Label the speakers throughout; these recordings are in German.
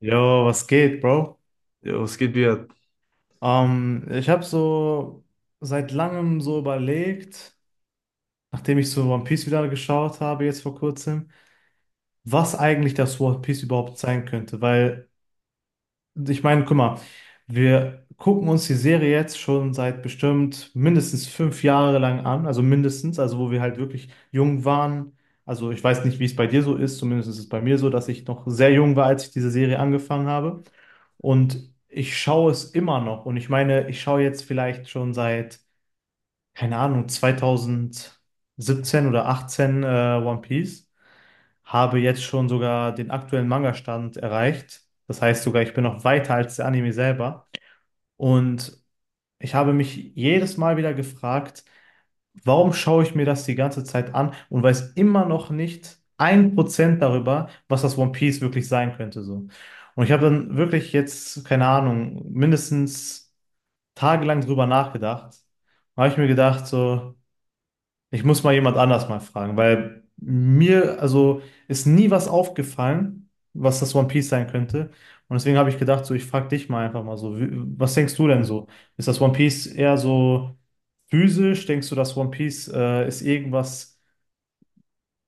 Speaker 1: Jo, was geht, Bro?
Speaker 2: Ja, es geht wieder.
Speaker 1: Ich habe so seit langem so überlegt, nachdem ich so One Piece wieder geschaut habe, jetzt vor kurzem, was eigentlich das One Piece überhaupt sein könnte, weil ich meine, guck mal, wir gucken uns die Serie jetzt schon seit bestimmt mindestens 5 Jahre lang an, also mindestens, also wo wir halt wirklich jung waren. Also ich weiß nicht, wie es bei dir so ist, zumindest ist es bei mir so, dass ich noch sehr jung war, als ich diese Serie angefangen habe. Und ich schaue es immer noch. Und ich meine, ich schaue jetzt vielleicht schon seit, keine Ahnung, 2017 oder 18 One Piece habe jetzt schon sogar den aktuellen Manga-Stand erreicht. Das heißt sogar, ich bin noch weiter als der Anime selber. Und ich habe mich jedes Mal wieder gefragt, warum schaue ich mir das die ganze Zeit an und weiß immer noch nicht 1% darüber, was das One Piece wirklich sein könnte, so. Und ich habe dann wirklich jetzt, keine Ahnung, mindestens tagelang drüber nachgedacht. Da habe ich mir gedacht, so, ich muss mal jemand anders mal fragen, weil mir, also ist nie was aufgefallen, was das One Piece sein könnte. Und deswegen habe ich gedacht, so, ich frage dich mal einfach mal so, wie, was denkst du denn so? Ist das One Piece eher so physisch? Denkst du, das One Piece ist irgendwas,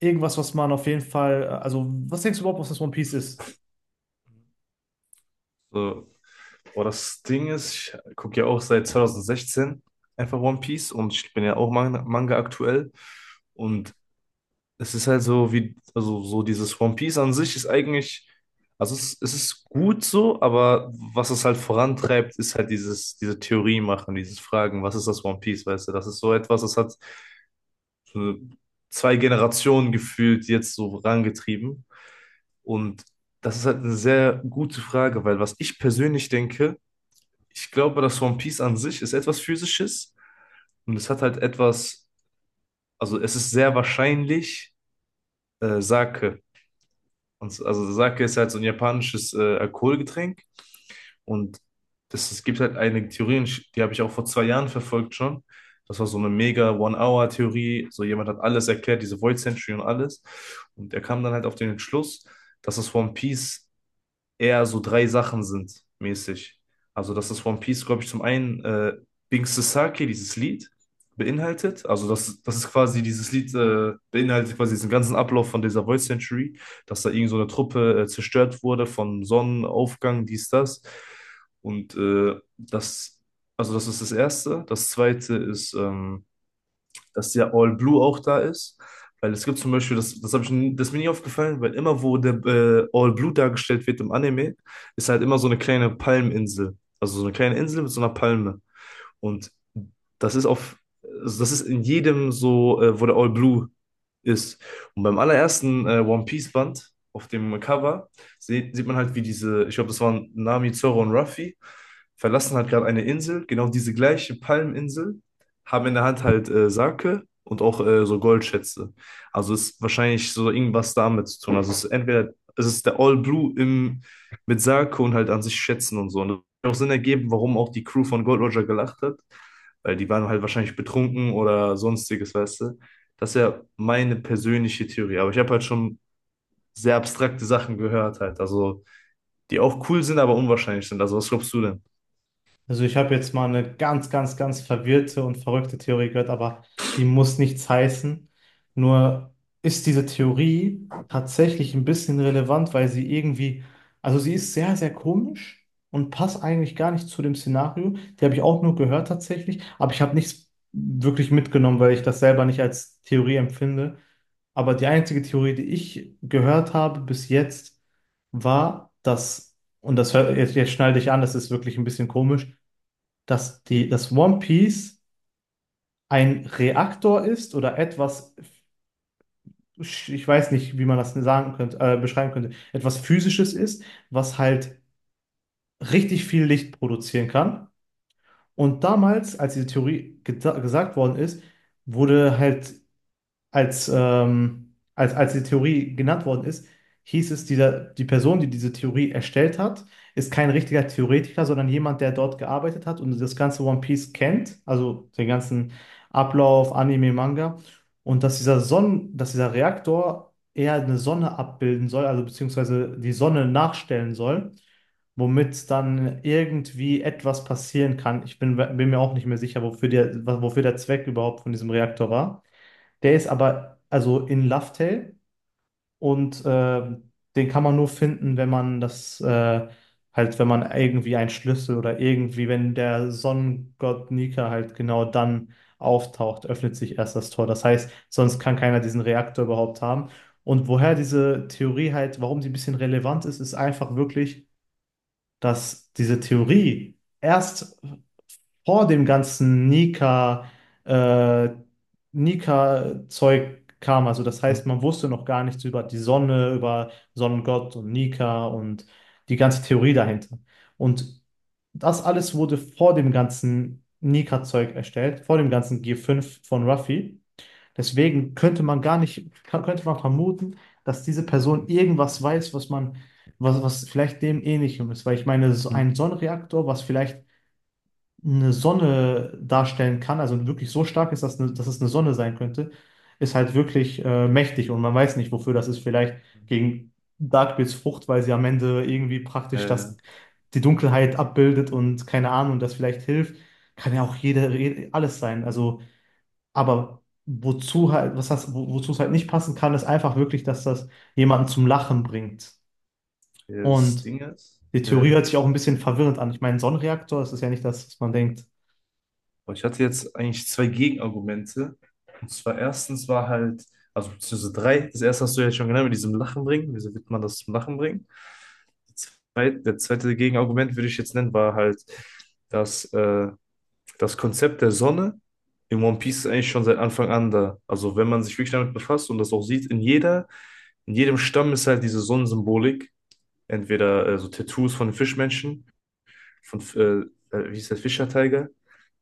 Speaker 1: was man auf jeden Fall, also was denkst du überhaupt, was das One Piece ist?
Speaker 2: So. Boah, das Ding ist, ich gucke ja auch seit 2016 einfach One Piece, und ich bin ja auch Manga, aktuell. Und Es ist halt so wie, also so dieses One Piece an sich ist eigentlich, also es ist gut so, aber was es halt vorantreibt, ist halt diese Theorie machen, dieses Fragen, was ist das One Piece, weißt du? Das ist so etwas, das hat so zwei Generationen gefühlt jetzt so vorangetrieben. Und das ist halt eine sehr gute Frage, weil, was ich persönlich denke, ich glaube, das One Piece an sich ist etwas Physisches und es hat halt etwas, also es ist sehr wahrscheinlich Sake. Und also Sake ist halt so ein japanisches Alkoholgetränk, und das, es gibt halt eine Theorie, und die habe ich auch vor 2 Jahren verfolgt schon. Das war so eine mega One-Hour-Theorie. So, jemand hat alles erklärt, diese Void Century und alles. Und er kam dann halt auf den Entschluss, dass das One Piece eher so 3 Sachen sind, mäßig. Also, dass das One Piece, glaube ich, zum einen Bing Sasaki, dieses Lied, beinhaltet. Also, das ist quasi dieses Lied, beinhaltet quasi diesen ganzen Ablauf von dieser Void Century, dass da irgend so eine Truppe zerstört wurde von Sonnenaufgang, dies, das. Und also das ist das Erste. Das Zweite ist, dass der All Blue auch da ist. Weil, es gibt zum Beispiel, das, das, hab ich, n- das ist mir nie aufgefallen, weil immer, wo der All Blue dargestellt wird im Anime, ist halt immer so eine kleine Palminsel. Also so eine kleine Insel mit so einer Palme. Und das ist auf, also das ist in jedem so, wo der All Blue ist. Und beim allerersten One Piece Band auf dem Cover sieht man halt, wie diese, ich glaube, das waren Nami, Zoro und Ruffy, verlassen halt gerade eine Insel, genau diese gleiche Palminsel, haben in der Hand halt Sake und auch so Goldschätze. Also ist wahrscheinlich so irgendwas damit zu tun. Also es ist entweder, es ist der All Blue im, mit Sake und halt an sich Schätzen und so. Und auch Sinn ergeben, warum auch die Crew von Gold Roger gelacht hat, weil die waren halt wahrscheinlich betrunken oder sonstiges, weißt du. Das ist ja meine persönliche Theorie, aber ich habe halt schon sehr abstrakte Sachen gehört halt, also die auch cool sind, aber unwahrscheinlich sind. Also was glaubst du denn?
Speaker 1: Also ich habe jetzt mal eine ganz, ganz, ganz verwirrte und verrückte Theorie gehört, aber die muss nichts heißen. Nur ist diese Theorie tatsächlich ein bisschen relevant, weil sie irgendwie, also sie ist sehr, sehr komisch und passt eigentlich gar nicht zu dem Szenario. Die habe ich auch nur gehört tatsächlich, aber ich habe nichts wirklich mitgenommen, weil ich das selber nicht als Theorie empfinde. Aber die einzige Theorie, die ich gehört habe bis jetzt, war, dass, und das hört, jetzt schnall dich an, das ist wirklich ein bisschen komisch, dass die, dass One Piece ein Reaktor ist oder etwas, ich weiß nicht, wie man das sagen könnte, beschreiben könnte, etwas Physisches ist, was halt richtig viel Licht produzieren kann. Und damals, als diese Theorie gesagt worden ist, wurde halt als die Theorie genannt worden ist, hieß es, die Person, die diese Theorie erstellt hat, ist kein richtiger Theoretiker, sondern jemand, der dort gearbeitet hat und das ganze One Piece kennt, also den ganzen Ablauf, Anime, Manga. Und dass dass dieser Reaktor eher eine Sonne abbilden soll, also beziehungsweise die Sonne nachstellen soll, womit dann irgendwie etwas passieren kann. Ich bin mir auch nicht mehr sicher, wofür der Zweck überhaupt von diesem Reaktor war. Der ist aber also in Lufthell und den kann man nur finden, wenn man das halt, wenn man irgendwie einen Schlüssel oder irgendwie, wenn der Sonnengott Nika halt genau dann auftaucht, öffnet sich erst das Tor. Das heißt, sonst kann keiner diesen Reaktor überhaupt haben. Und woher diese Theorie halt, warum sie ein bisschen relevant ist, ist einfach wirklich, dass diese Theorie erst vor dem ganzen Nika, äh, Nika-Zeug kam. Also das
Speaker 2: Mhm.
Speaker 1: heißt, man wusste noch gar nichts über die Sonne, über Sonnengott und Nika und die ganze Theorie dahinter. Und das alles wurde vor dem ganzen Nika-Zeug erstellt, vor dem ganzen g fünf von Ruffy. Deswegen könnte man gar nicht, könnte man vermuten, dass diese Person irgendwas weiß, was man, was vielleicht dem Ähnlichem ist. Weil ich meine, so
Speaker 2: Mhm.
Speaker 1: ein Sonnenreaktor, was vielleicht eine Sonne darstellen kann, also wirklich so stark ist, dass, eine, dass es eine Sonne sein könnte, ist halt wirklich mächtig und man weiß nicht, wofür das ist. Vielleicht gegen Darkbeets Frucht, weil sie am Ende irgendwie praktisch
Speaker 2: Äh,
Speaker 1: das, die Dunkelheit abbildet und keine Ahnung, das vielleicht hilft. Kann ja auch alles sein. Also aber wozu halt, was heißt, wozu es halt nicht passen kann, ist einfach wirklich, dass das jemanden zum Lachen bringt.
Speaker 2: ja, das
Speaker 1: Und
Speaker 2: Ding ist,
Speaker 1: die Theorie hört sich auch ein bisschen verwirrend an. Ich meine, Sonnenreaktor, das ist ja nicht das, was man denkt.
Speaker 2: aber ich hatte jetzt eigentlich zwei Gegenargumente. Und zwar erstens war halt, also beziehungsweise drei, das erste hast du ja schon genannt, mit diesem Lachen bringen. Wieso wird man das zum Lachen bringen? Der zweite Gegenargument würde ich jetzt nennen, war halt, dass das Konzept der Sonne in One Piece ist eigentlich schon seit Anfang an da. Also wenn man sich wirklich damit befasst und das auch sieht, in jedem Stamm ist halt diese Sonnensymbolik, entweder so Tattoos von den Fischmenschen von, wie hieß der, Fischer Tiger,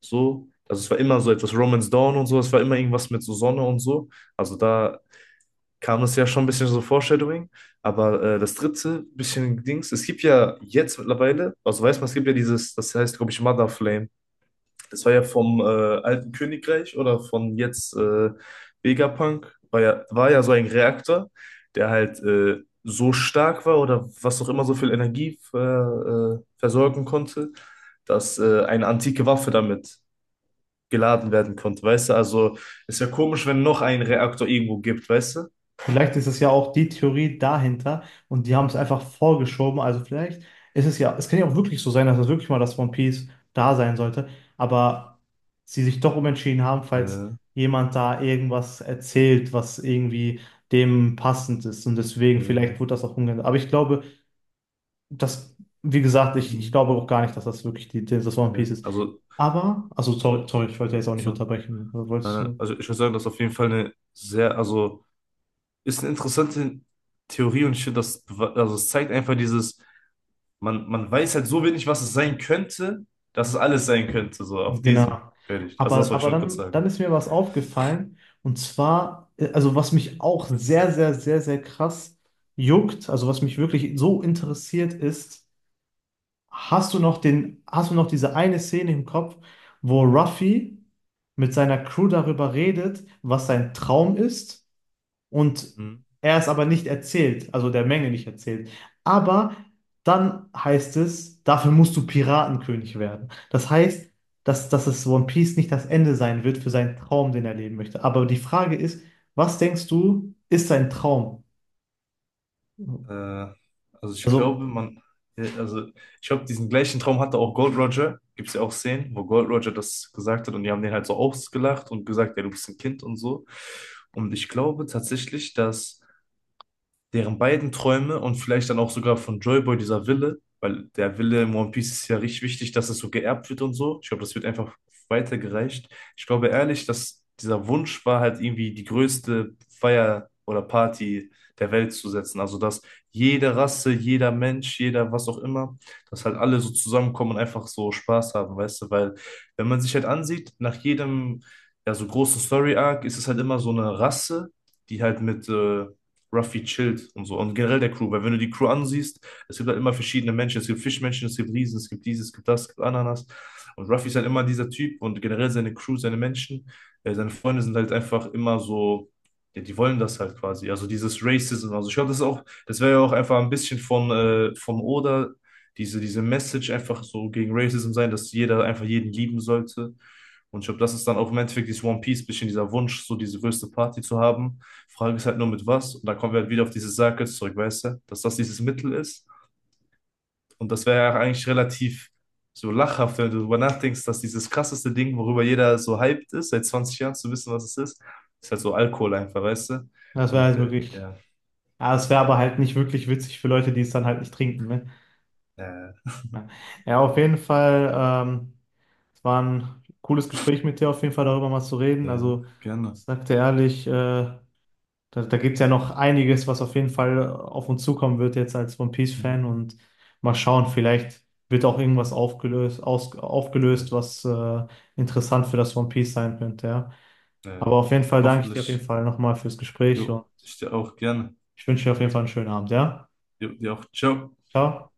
Speaker 2: so. Also es war immer so etwas Romance Dawn und so, es war immer irgendwas mit so Sonne und so. Also da kam es ja schon ein bisschen so Foreshadowing. Aber das dritte bisschen Dings, es gibt ja jetzt mittlerweile, also weiß man, es gibt ja dieses, das heißt, glaube ich, Mother Flame. Das war ja vom alten Königreich oder von jetzt Vegapunk. War ja so ein Reaktor, der halt so stark war oder was auch immer so viel Energie versorgen konnte, dass eine antike Waffe damit geladen werden konnte. Weißt du, also ist ja komisch, wenn noch ein Reaktor irgendwo gibt, weißt
Speaker 1: Vielleicht ist es ja auch die Theorie dahinter und die haben es einfach vorgeschoben. Also vielleicht ist es ja, es kann ja auch wirklich so sein, dass es wirklich mal das One Piece da sein sollte, aber sie sich doch umentschieden haben, falls
Speaker 2: du?
Speaker 1: jemand da irgendwas erzählt, was irgendwie dem passend ist. Und deswegen,
Speaker 2: Äh, äh,
Speaker 1: vielleicht wurde das auch umgeändert. Aber ich glaube, das, wie gesagt, ich
Speaker 2: hm,
Speaker 1: glaube auch gar nicht, dass das wirklich die, die- das One Piece
Speaker 2: ja.
Speaker 1: ist.
Speaker 2: Also,
Speaker 1: Aber, also sorry, sorry, ich wollte jetzt auch nicht
Speaker 2: so,
Speaker 1: unterbrechen. Wolltest du?
Speaker 2: also ich würde sagen, das ist auf jeden Fall eine sehr, also ist eine interessante Theorie, und ich finde, also es zeigt einfach dieses, man weiß halt so wenig, was es sein könnte, dass es alles sein könnte, so auf diesem
Speaker 1: Genau.
Speaker 2: fertig. Also das
Speaker 1: Aber,
Speaker 2: wollte ich nur kurz sagen.
Speaker 1: dann ist mir was aufgefallen. Und zwar, also was mich auch sehr, sehr, sehr, sehr krass juckt, also was mich wirklich so interessiert ist, hast du noch diese eine Szene im Kopf, wo Ruffy mit seiner Crew darüber redet, was sein Traum ist? Und
Speaker 2: Mhm.
Speaker 1: er es aber nicht erzählt, also der Menge nicht erzählt. Aber dann heißt es, dafür musst du Piratenkönig werden. Das heißt, dass es One Piece nicht das Ende sein wird für seinen Traum, den er leben möchte. Aber die Frage ist, was denkst du, ist sein Traum?
Speaker 2: Äh, also ich
Speaker 1: Also,
Speaker 2: glaube, ja, also ich glaube, diesen gleichen Traum hatte auch Gold Roger. Gibt es ja auch Szenen, wo Gold Roger das gesagt hat und die haben den halt so ausgelacht und gesagt, ja, du bist ein Kind und so. Und ich glaube tatsächlich, dass deren beiden Träume und vielleicht dann auch sogar von Joyboy dieser Wille, weil der Wille im One Piece ist ja richtig wichtig, dass es so geerbt wird und so. Ich glaube, das wird einfach weitergereicht. Ich glaube ehrlich, dass dieser Wunsch war halt irgendwie die größte Feier oder Party der Welt zu setzen. Also, dass jede Rasse, jeder Mensch, jeder was auch immer, dass halt alle so zusammenkommen und einfach so Spaß haben, weißt du? Weil, wenn man sich halt ansieht, ja, so großen Story-Arc ist es halt immer so eine Rasse, die halt mit Ruffy chillt und so. Und generell der Crew, weil wenn du die Crew ansiehst, es gibt halt immer verschiedene Menschen. Es gibt Fischmenschen, es gibt Riesen, es gibt dieses, es gibt das, es gibt Ananas. Und Ruffy ist halt immer dieser Typ und generell seine Menschen, seine Freunde sind halt einfach immer so, ja, die wollen das halt quasi. Also dieses Racism. Also ich glaube, das ist auch, das wäre ja auch einfach ein bisschen von Oda, diese Message einfach so gegen Racism sein, dass jeder einfach jeden lieben sollte. Und ich glaube, das ist dann auch im Endeffekt dieses One Piece, bisschen dieser Wunsch, so diese größte Party zu haben. Frage ist halt nur mit was. Und da kommen wir halt wieder auf dieses Circus zurück, weißt du? Dass das dieses Mittel ist. Und das wäre ja eigentlich relativ so lachhaft, wenn du darüber nachdenkst, dass dieses krasseste Ding, worüber jeder so hyped ist, seit 20 Jahren zu wissen, was es ist, ist halt so Alkohol einfach, weißt du?
Speaker 1: das wäre
Speaker 2: Und
Speaker 1: halt wirklich,
Speaker 2: ja,
Speaker 1: ja, es wäre aber halt nicht wirklich witzig für Leute, die es dann halt nicht trinken, ne?
Speaker 2: äh,
Speaker 1: Ja, auf jeden Fall, es war ein cooles Gespräch mit dir, auf jeden Fall darüber mal zu reden.
Speaker 2: äh,
Speaker 1: Also, ich
Speaker 2: gerne.
Speaker 1: sag dir ehrlich, Da gibt es ja noch einiges, was auf jeden Fall auf uns zukommen wird jetzt als One
Speaker 2: Hm.
Speaker 1: Piece-Fan und mal schauen, vielleicht wird auch irgendwas aufgelöst,
Speaker 2: Äh,
Speaker 1: aufgelöst, was interessant für das One Piece sein könnte, ja.
Speaker 2: äh,
Speaker 1: Aber auf jeden Fall danke ich dir auf jeden
Speaker 2: hoffentlich.
Speaker 1: Fall nochmal fürs Gespräch
Speaker 2: Jo,
Speaker 1: und
Speaker 2: ich dir auch gerne.
Speaker 1: ich wünsche dir auf jeden Fall einen schönen Abend, ja.
Speaker 2: Jo, dir auch. Ciao.
Speaker 1: Ciao.